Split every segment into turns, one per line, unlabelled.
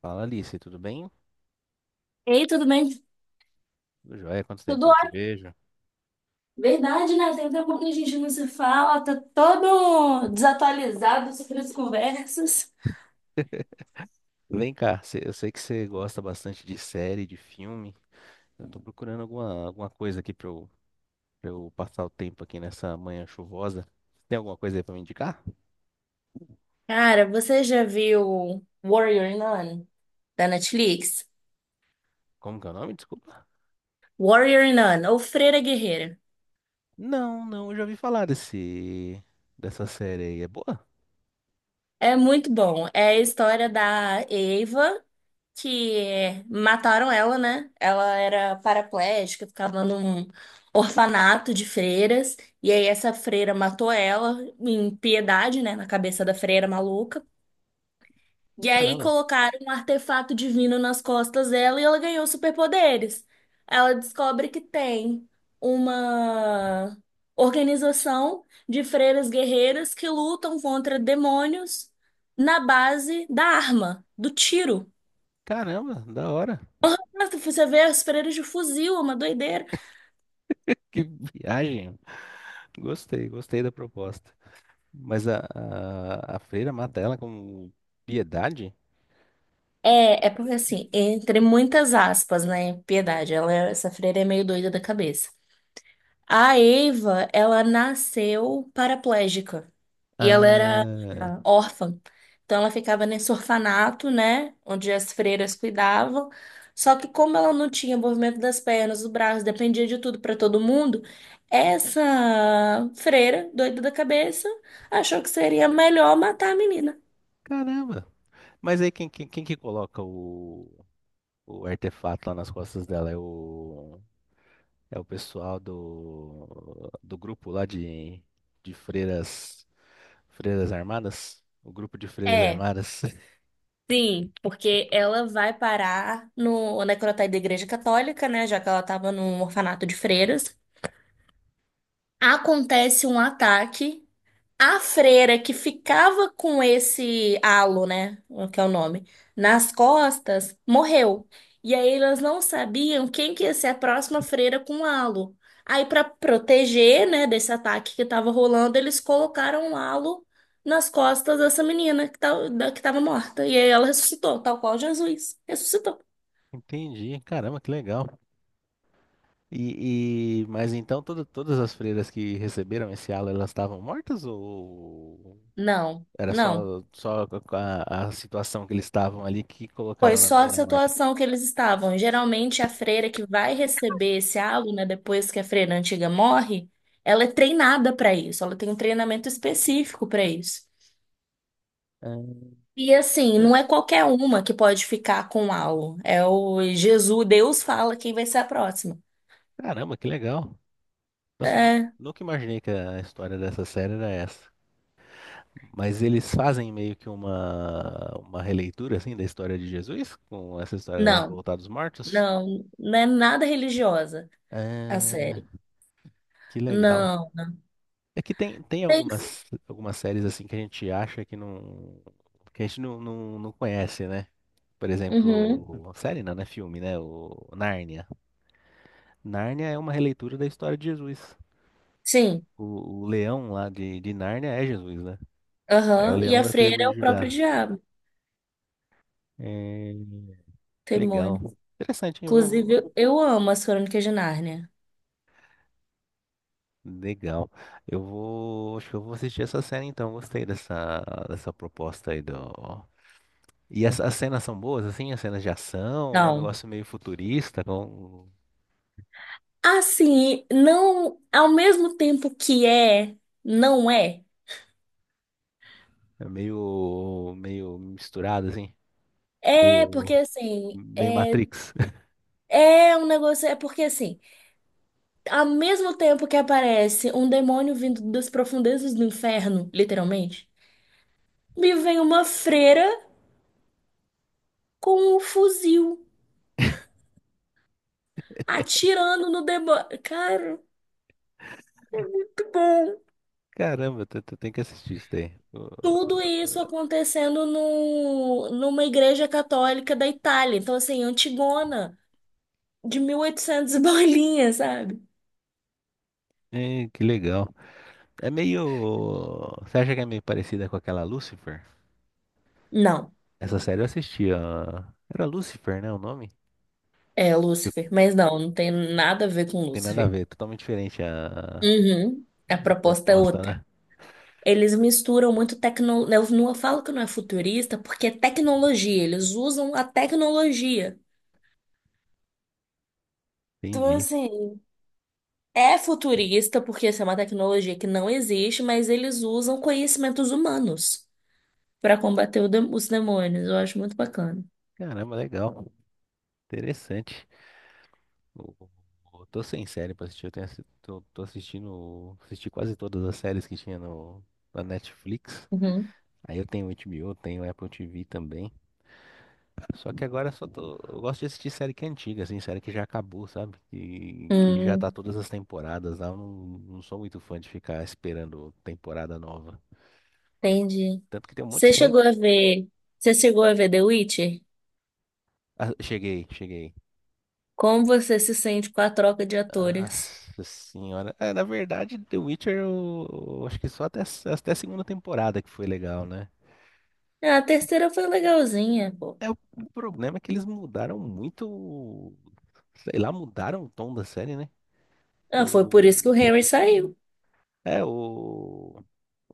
Fala Alice, tudo bem?
Ei, tudo bem?
Tudo jóia, quanto tempo que
Tudo
eu não te
ótimo.
vejo?
Verdade, né? Tem tempo que a gente não se fala, tá todo desatualizado sobre as conversas.
Vem cá, eu sei que você gosta bastante de série, de filme. Eu tô procurando alguma coisa aqui pra eu passar o tempo aqui nessa manhã chuvosa. Tem alguma coisa aí pra me indicar?
Cara, você já viu Warrior Nun, da Netflix?
Como que é o nome? Desculpa.
Warrior Nun, ou Freira Guerreira.
Não, não, eu já ouvi falar dessa série aí. É boa?
É muito bom. É a história da Eva, que mataram ela, né? Ela era paraplégica, ficava num orfanato de freiras. E aí essa freira matou ela, em piedade, né? Na cabeça da freira maluca. E aí
Caramba,
colocaram um artefato divino nas costas dela e ela ganhou superpoderes. Ela descobre que tem uma organização de freiras guerreiras que lutam contra demônios na base da arma, do tiro.
caramba, da hora.
Nossa, você vê as freiras de fuzil, é uma doideira.
Que viagem. Gostei, gostei da proposta. Mas a freira mata ela como piedade?
É porque assim, entre muitas aspas, né? Piedade, ela, essa freira é meio doida da cabeça. A Eva, ela nasceu paraplégica e ela era
Ah,
órfã. Então ela ficava nesse orfanato, né, onde as freiras cuidavam. Só que como ela não tinha movimento das pernas, do braço, dependia de tudo para todo mundo, essa freira, doida da cabeça, achou que seria melhor matar a menina.
caramba. Mas aí quem que coloca o artefato lá nas costas dela? É o pessoal do grupo lá de freiras armadas? O grupo de freiras
É,
armadas?
sim, porque ela vai parar no necrotério da Igreja Católica, né? Já que ela estava num orfanato de freiras. Acontece um ataque. A freira que ficava com esse halo, né? O que é o nome, nas costas, morreu. E aí elas não sabiam quem que ia ser a próxima freira com halo. Aí, para proteger, né, desse ataque que estava rolando, eles colocaram um halo nas costas dessa menina que, tá, que tava morta. E aí ela ressuscitou, tal qual Jesus ressuscitou.
Entendi, caramba, que legal. Mas então todas as freiras que receberam esse halo, elas estavam mortas ou
Não,
era
não.
só a situação que eles estavam ali que
Foi
colocaram na
só a
menina morta?
situação que eles estavam. Geralmente, a freira que vai receber esse aluno, né, depois que a freira antiga morre, ela é treinada para isso, ela tem um treinamento específico para isso.
Ah,
E assim,
ah,
não é qualquer uma que pode ficar com algo. É o Jesus, Deus fala quem vai ser a próxima.
caramba, que legal. Nossa, eu
É,
nunca imaginei que a história dessa série era essa. Mas eles fazem meio que uma releitura assim da história de Jesus, com essa história dela
não,
voltar dos mortos.
não é nada religiosa a
É,
série.
que legal.
Não.
É que tem
Tem-
algumas séries assim que a gente acha que não que a gente não conhece, né? Por
Uhum,
exemplo, série não, né? Filme, né? O Nárnia. Nárnia é uma releitura da história de Jesus.
sim,
O leão lá de Nárnia é Jesus, né? É o
aham. E
leão
a
da tribo
freira é
de
o próprio
Judá.
diabo,
É,
demônio.
legal. Interessante, hein?
Inclusive, eu amo as Crônicas de Nárnia.
Legal. Eu vou. Acho que eu vou assistir essa cena então. Gostei dessa proposta aí do. E as cenas são boas, assim? As cenas de ação, é um
Não.
negócio meio futurista, com.
Assim, não, ao mesmo tempo que é, não é.
É meio, meio misturado, assim,
É porque
meio,
assim,
meio
é,
Matrix.
é um negócio, é porque assim, ao mesmo tempo que aparece um demônio vindo das profundezas do inferno, literalmente, me vem uma freira com um fuzil atirando no demônio. Cara, muito bom.
Caramba, tu tem que assistir isso daí. Oh,
Tudo isso acontecendo no, numa igreja católica da Itália. Então, assim, antigona, de 1800 e oitocentos e bolinha, sabe?
é, que legal. É meio. Você acha que é meio parecida com aquela Lucifer?
Não,
Essa série eu assisti, ó. Era Lucifer, né, o nome?
é
Tipo,
Lúcifer. Mas não, não tem nada a ver com
tem nada a
Lúcifer.
ver, é totalmente diferente a,
Uhum, a
a
proposta é
proposta,
outra.
né?
Eles misturam muito tecnologia. Eu não falo que não é futurista, porque é tecnologia. Eles usam a tecnologia. Então,
Entendi.
assim, é futurista, porque essa é uma tecnologia que não existe, mas eles usam conhecimentos humanos, para combater os demônios. Eu acho muito bacana.
Caramba, legal. Interessante. Eu, eu tô sem série pra assistir. Eu tenho, tô assistindo. Assisti quase todas as séries que tinha no, na Netflix.
Uhum.
Aí eu tenho HBO, tenho Apple TV também. Só que agora só tô. Eu gosto de assistir série que é antiga, assim, série que já acabou, sabe? Que já tá
Hum,
todas as temporadas lá. Eu não sou muito fã de ficar esperando temporada nova.
entendi.
Tanto que tem um monte
Você
de série.
chegou a ver, você chegou a ver The Witcher?
Ah, cheguei, cheguei.
Como você se sente com a troca de atores?
Nossa senhora. É, na verdade, The Witcher, eu acho que só até a segunda temporada que foi legal, né?
Ah, a terceira foi legalzinha, pô.
É, o problema é que eles mudaram muito. Sei lá, mudaram o tom da série, né?
Ah, foi por isso
O.
que o Henry saiu.
É, o.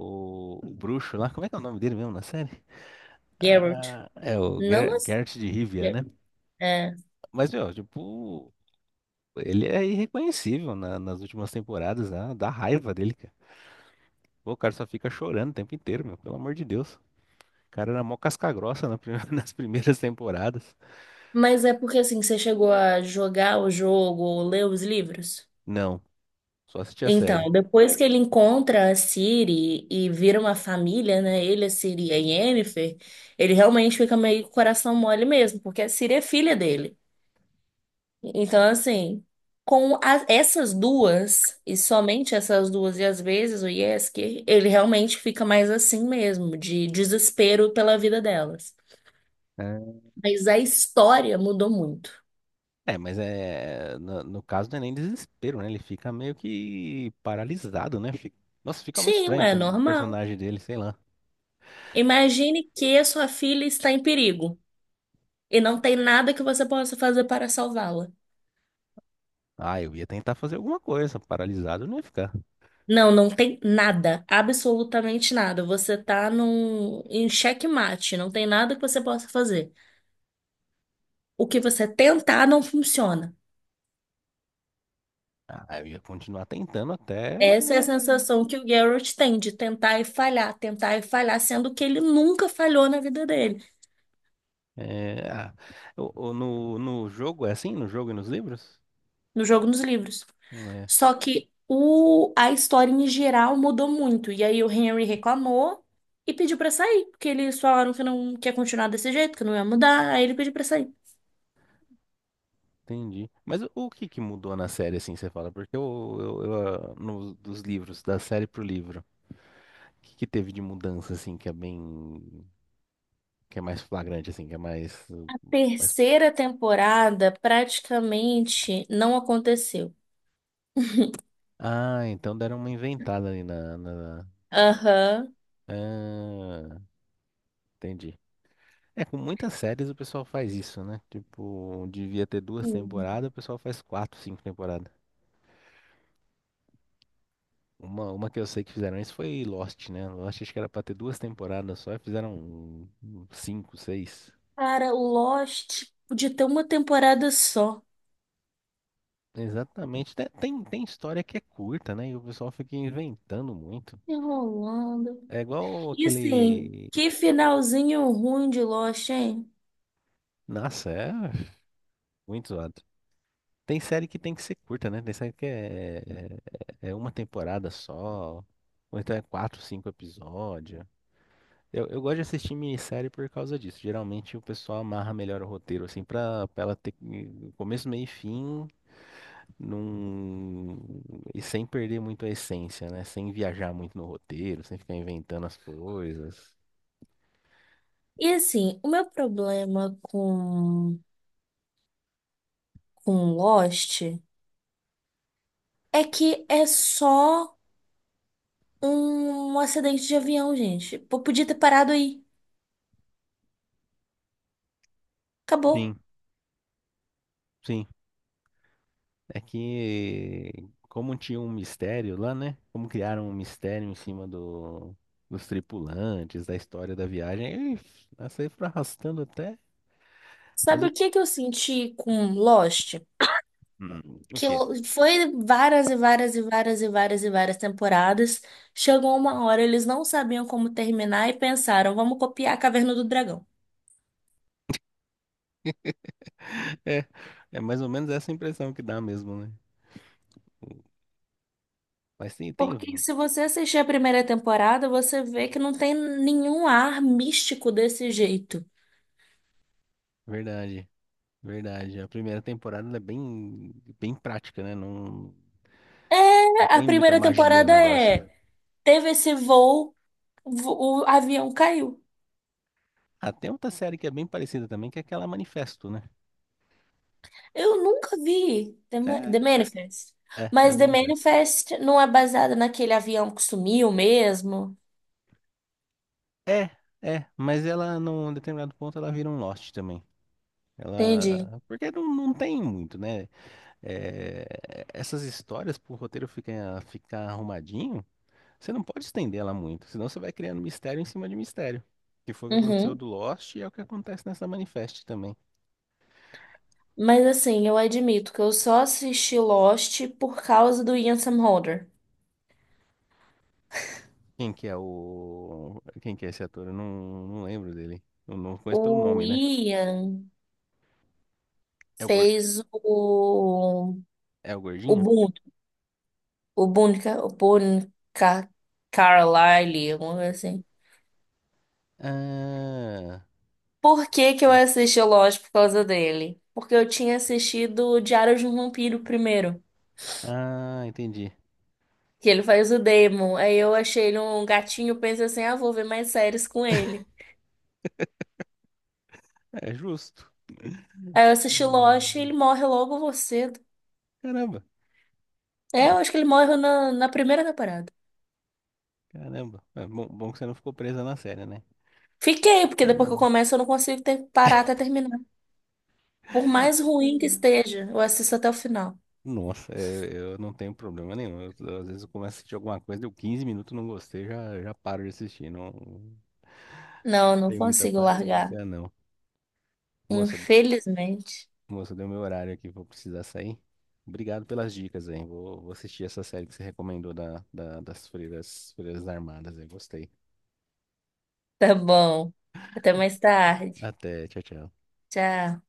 o bruxo lá, como é que é o nome dele mesmo na série?
Geralt.
Ah, é o
Não, mas...
Geralt de Rivia, né?
É.
Mas, meu, tipo, ele é irreconhecível nas últimas temporadas, né? Dá raiva dele, cara. Pô, o cara só fica chorando o tempo inteiro, meu, pelo amor de Deus. O cara era mó casca grossa nas primeiras temporadas.
Mas é porque, assim, você chegou a jogar o jogo ou ler os livros?
Não, só assistia a série.
Então, depois que ele encontra a Ciri e vira uma família, né? Ele, a Ciri e a Yennefer, ele realmente fica meio coração mole mesmo, porque a Ciri é filha dele. Então, assim, essas duas, e somente essas duas, e às vezes o Yesker, ele realmente fica mais assim mesmo, de desespero pela vida delas. Mas a história mudou muito.
É, mas é. No caso não é nem desespero, né? Ele fica meio que paralisado, né? Nossa, fica muito
Sim,
estranho
é
ter um
normal.
personagem dele, sei lá.
Imagine que a sua filha está em perigo. E não tem nada que você possa fazer para salvá-la.
Ah, eu ia tentar fazer alguma coisa, paralisado eu não ia ficar.
Não, não tem nada, absolutamente nada. Você tá em xeque-mate, não tem nada que você possa fazer. O que você tentar não funciona.
Ah, eu ia continuar tentando até.
Essa é a sensação que o Geralt tem de tentar e falhar, sendo que ele nunca falhou na vida dele,
É, ah, no jogo é assim? No jogo e nos livros?
no jogo, nos livros.
É,
Só que a história em geral mudou muito. E aí o Henry reclamou e pediu pra sair, porque eles falaram que não quer continuar desse jeito, que não ia mudar, aí ele pediu pra sair.
entendi. Mas o que que mudou na série, assim, você fala? Porque eu, ah, dos livros, da série pro livro, o que que teve de mudança, assim, que é bem. Que é mais flagrante, assim, que é mais. Mais...
Terceira temporada praticamente não aconteceu.
Ah, então deram uma inventada ali na...
Aham.
Ah, entendi. É, com muitas séries o pessoal faz isso, né? Tipo, devia ter duas
Hum.
temporadas, o pessoal faz quatro, cinco temporadas. Uma que eu sei que fizeram isso foi Lost, né? Lost acho que era pra ter duas temporadas só e fizeram cinco, seis.
Cara, o Lost podia ter uma temporada só.
Exatamente. Tem história que é curta, né? E o pessoal fica inventando muito.
Enrolando.
É igual
E assim,
aquele.
que finalzinho ruim de Lost, hein?
Nossa, é muito zoado. Tem série que tem que ser curta, né? Tem série que é uma temporada só, ou então é quatro, cinco episódios. Eu gosto de assistir minissérie por causa disso. Geralmente o pessoal amarra melhor o roteiro, assim, pra ela ter começo, meio e fim num. E sem perder muito a essência, né? Sem viajar muito no roteiro, sem ficar inventando as coisas.
E assim, o meu problema com Lost é que é só um acidente de avião, gente. Pô, podia ter parado aí. Acabou.
Sim, sim. É que como tinha um mistério lá, né? Como criaram um mistério em cima dos tripulantes, da história da viagem, aí, essa aí foi arrastando até. Mas
Sabe
o,
o que que eu senti com Lost?
hum, o
Que
quê?
foi várias e várias e várias e várias e várias temporadas. Chegou uma hora, eles não sabiam como terminar e pensaram, vamos copiar a Caverna do Dragão.
É, é mais ou menos essa impressão que dá mesmo, né? Mas
Porque se você assistir a primeira temporada, você vê que não tem nenhum ar místico desse jeito.
verdade, verdade. A primeira temporada ela é bem, bem prática, né? Não, não
É, a
tem muita
primeira
magia no
temporada
negócio.
é, teve esse voo, o avião caiu.
Ah, tem outra série que é bem parecida também, que é aquela Manifesto, né?
Eu nunca vi The
É,
Manifest.
é, The
Mas The
Manifesto.
Manifest não é baseada naquele avião que sumiu mesmo.
É, é, mas ela, num determinado ponto, ela vira um Lost também.
Entendi.
Ela. Porque não tem muito, né? É, essas histórias, pro roteiro ficar arrumadinho, você não pode estender ela muito, senão você vai criando mistério em cima de mistério. Que foi o que aconteceu
Uhum.
do Lost e é o que acontece nessa Manifest também.
Mas assim, eu admito que eu só assisti Lost por causa do Ian Somerhalder.
Quem que é o. Quem que é esse ator? Eu não lembro dele. Eu não conheço pelo
O
nome, né?
Ian
É o, gor-
fez
é o
o
gordinho?
Boone, o Boone Ca- Carlyle, alguma coisa assim.
Ah,
Por que que eu assisti Lost por causa dele? Porque eu tinha assistido o Diário de um Vampiro primeiro,
ah, entendi.
que ele faz o Damon. Aí eu achei ele um gatinho, pensei assim, ah, vou ver mais séries com ele.
É justo.
Aí eu assisti Lost e ele morre logo você.
Caramba.
É,
Bom,
eu acho que ele morre na primeira temporada.
caramba. É bom, bom que você não ficou presa na série, né?
Fiquei, porque depois que eu começo eu não consigo parar até terminar. Por mais ruim que esteja, eu assisto até o final.
Nossa, é, eu não tenho problema nenhum. Às vezes eu começo a assistir alguma coisa, deu 15 minutos, não gostei, já paro de assistir. Não
Não, não
tenho muita
consigo largar.
paciência, não. Moça,
Infelizmente.
moça, deu meu horário aqui, vou precisar sair. Obrigado pelas dicas, hein? Vou assistir essa série que você recomendou das freiras, armadas, eu gostei.
Tá bom. Até mais tarde.
Até, tchau, tchau.
Tchau.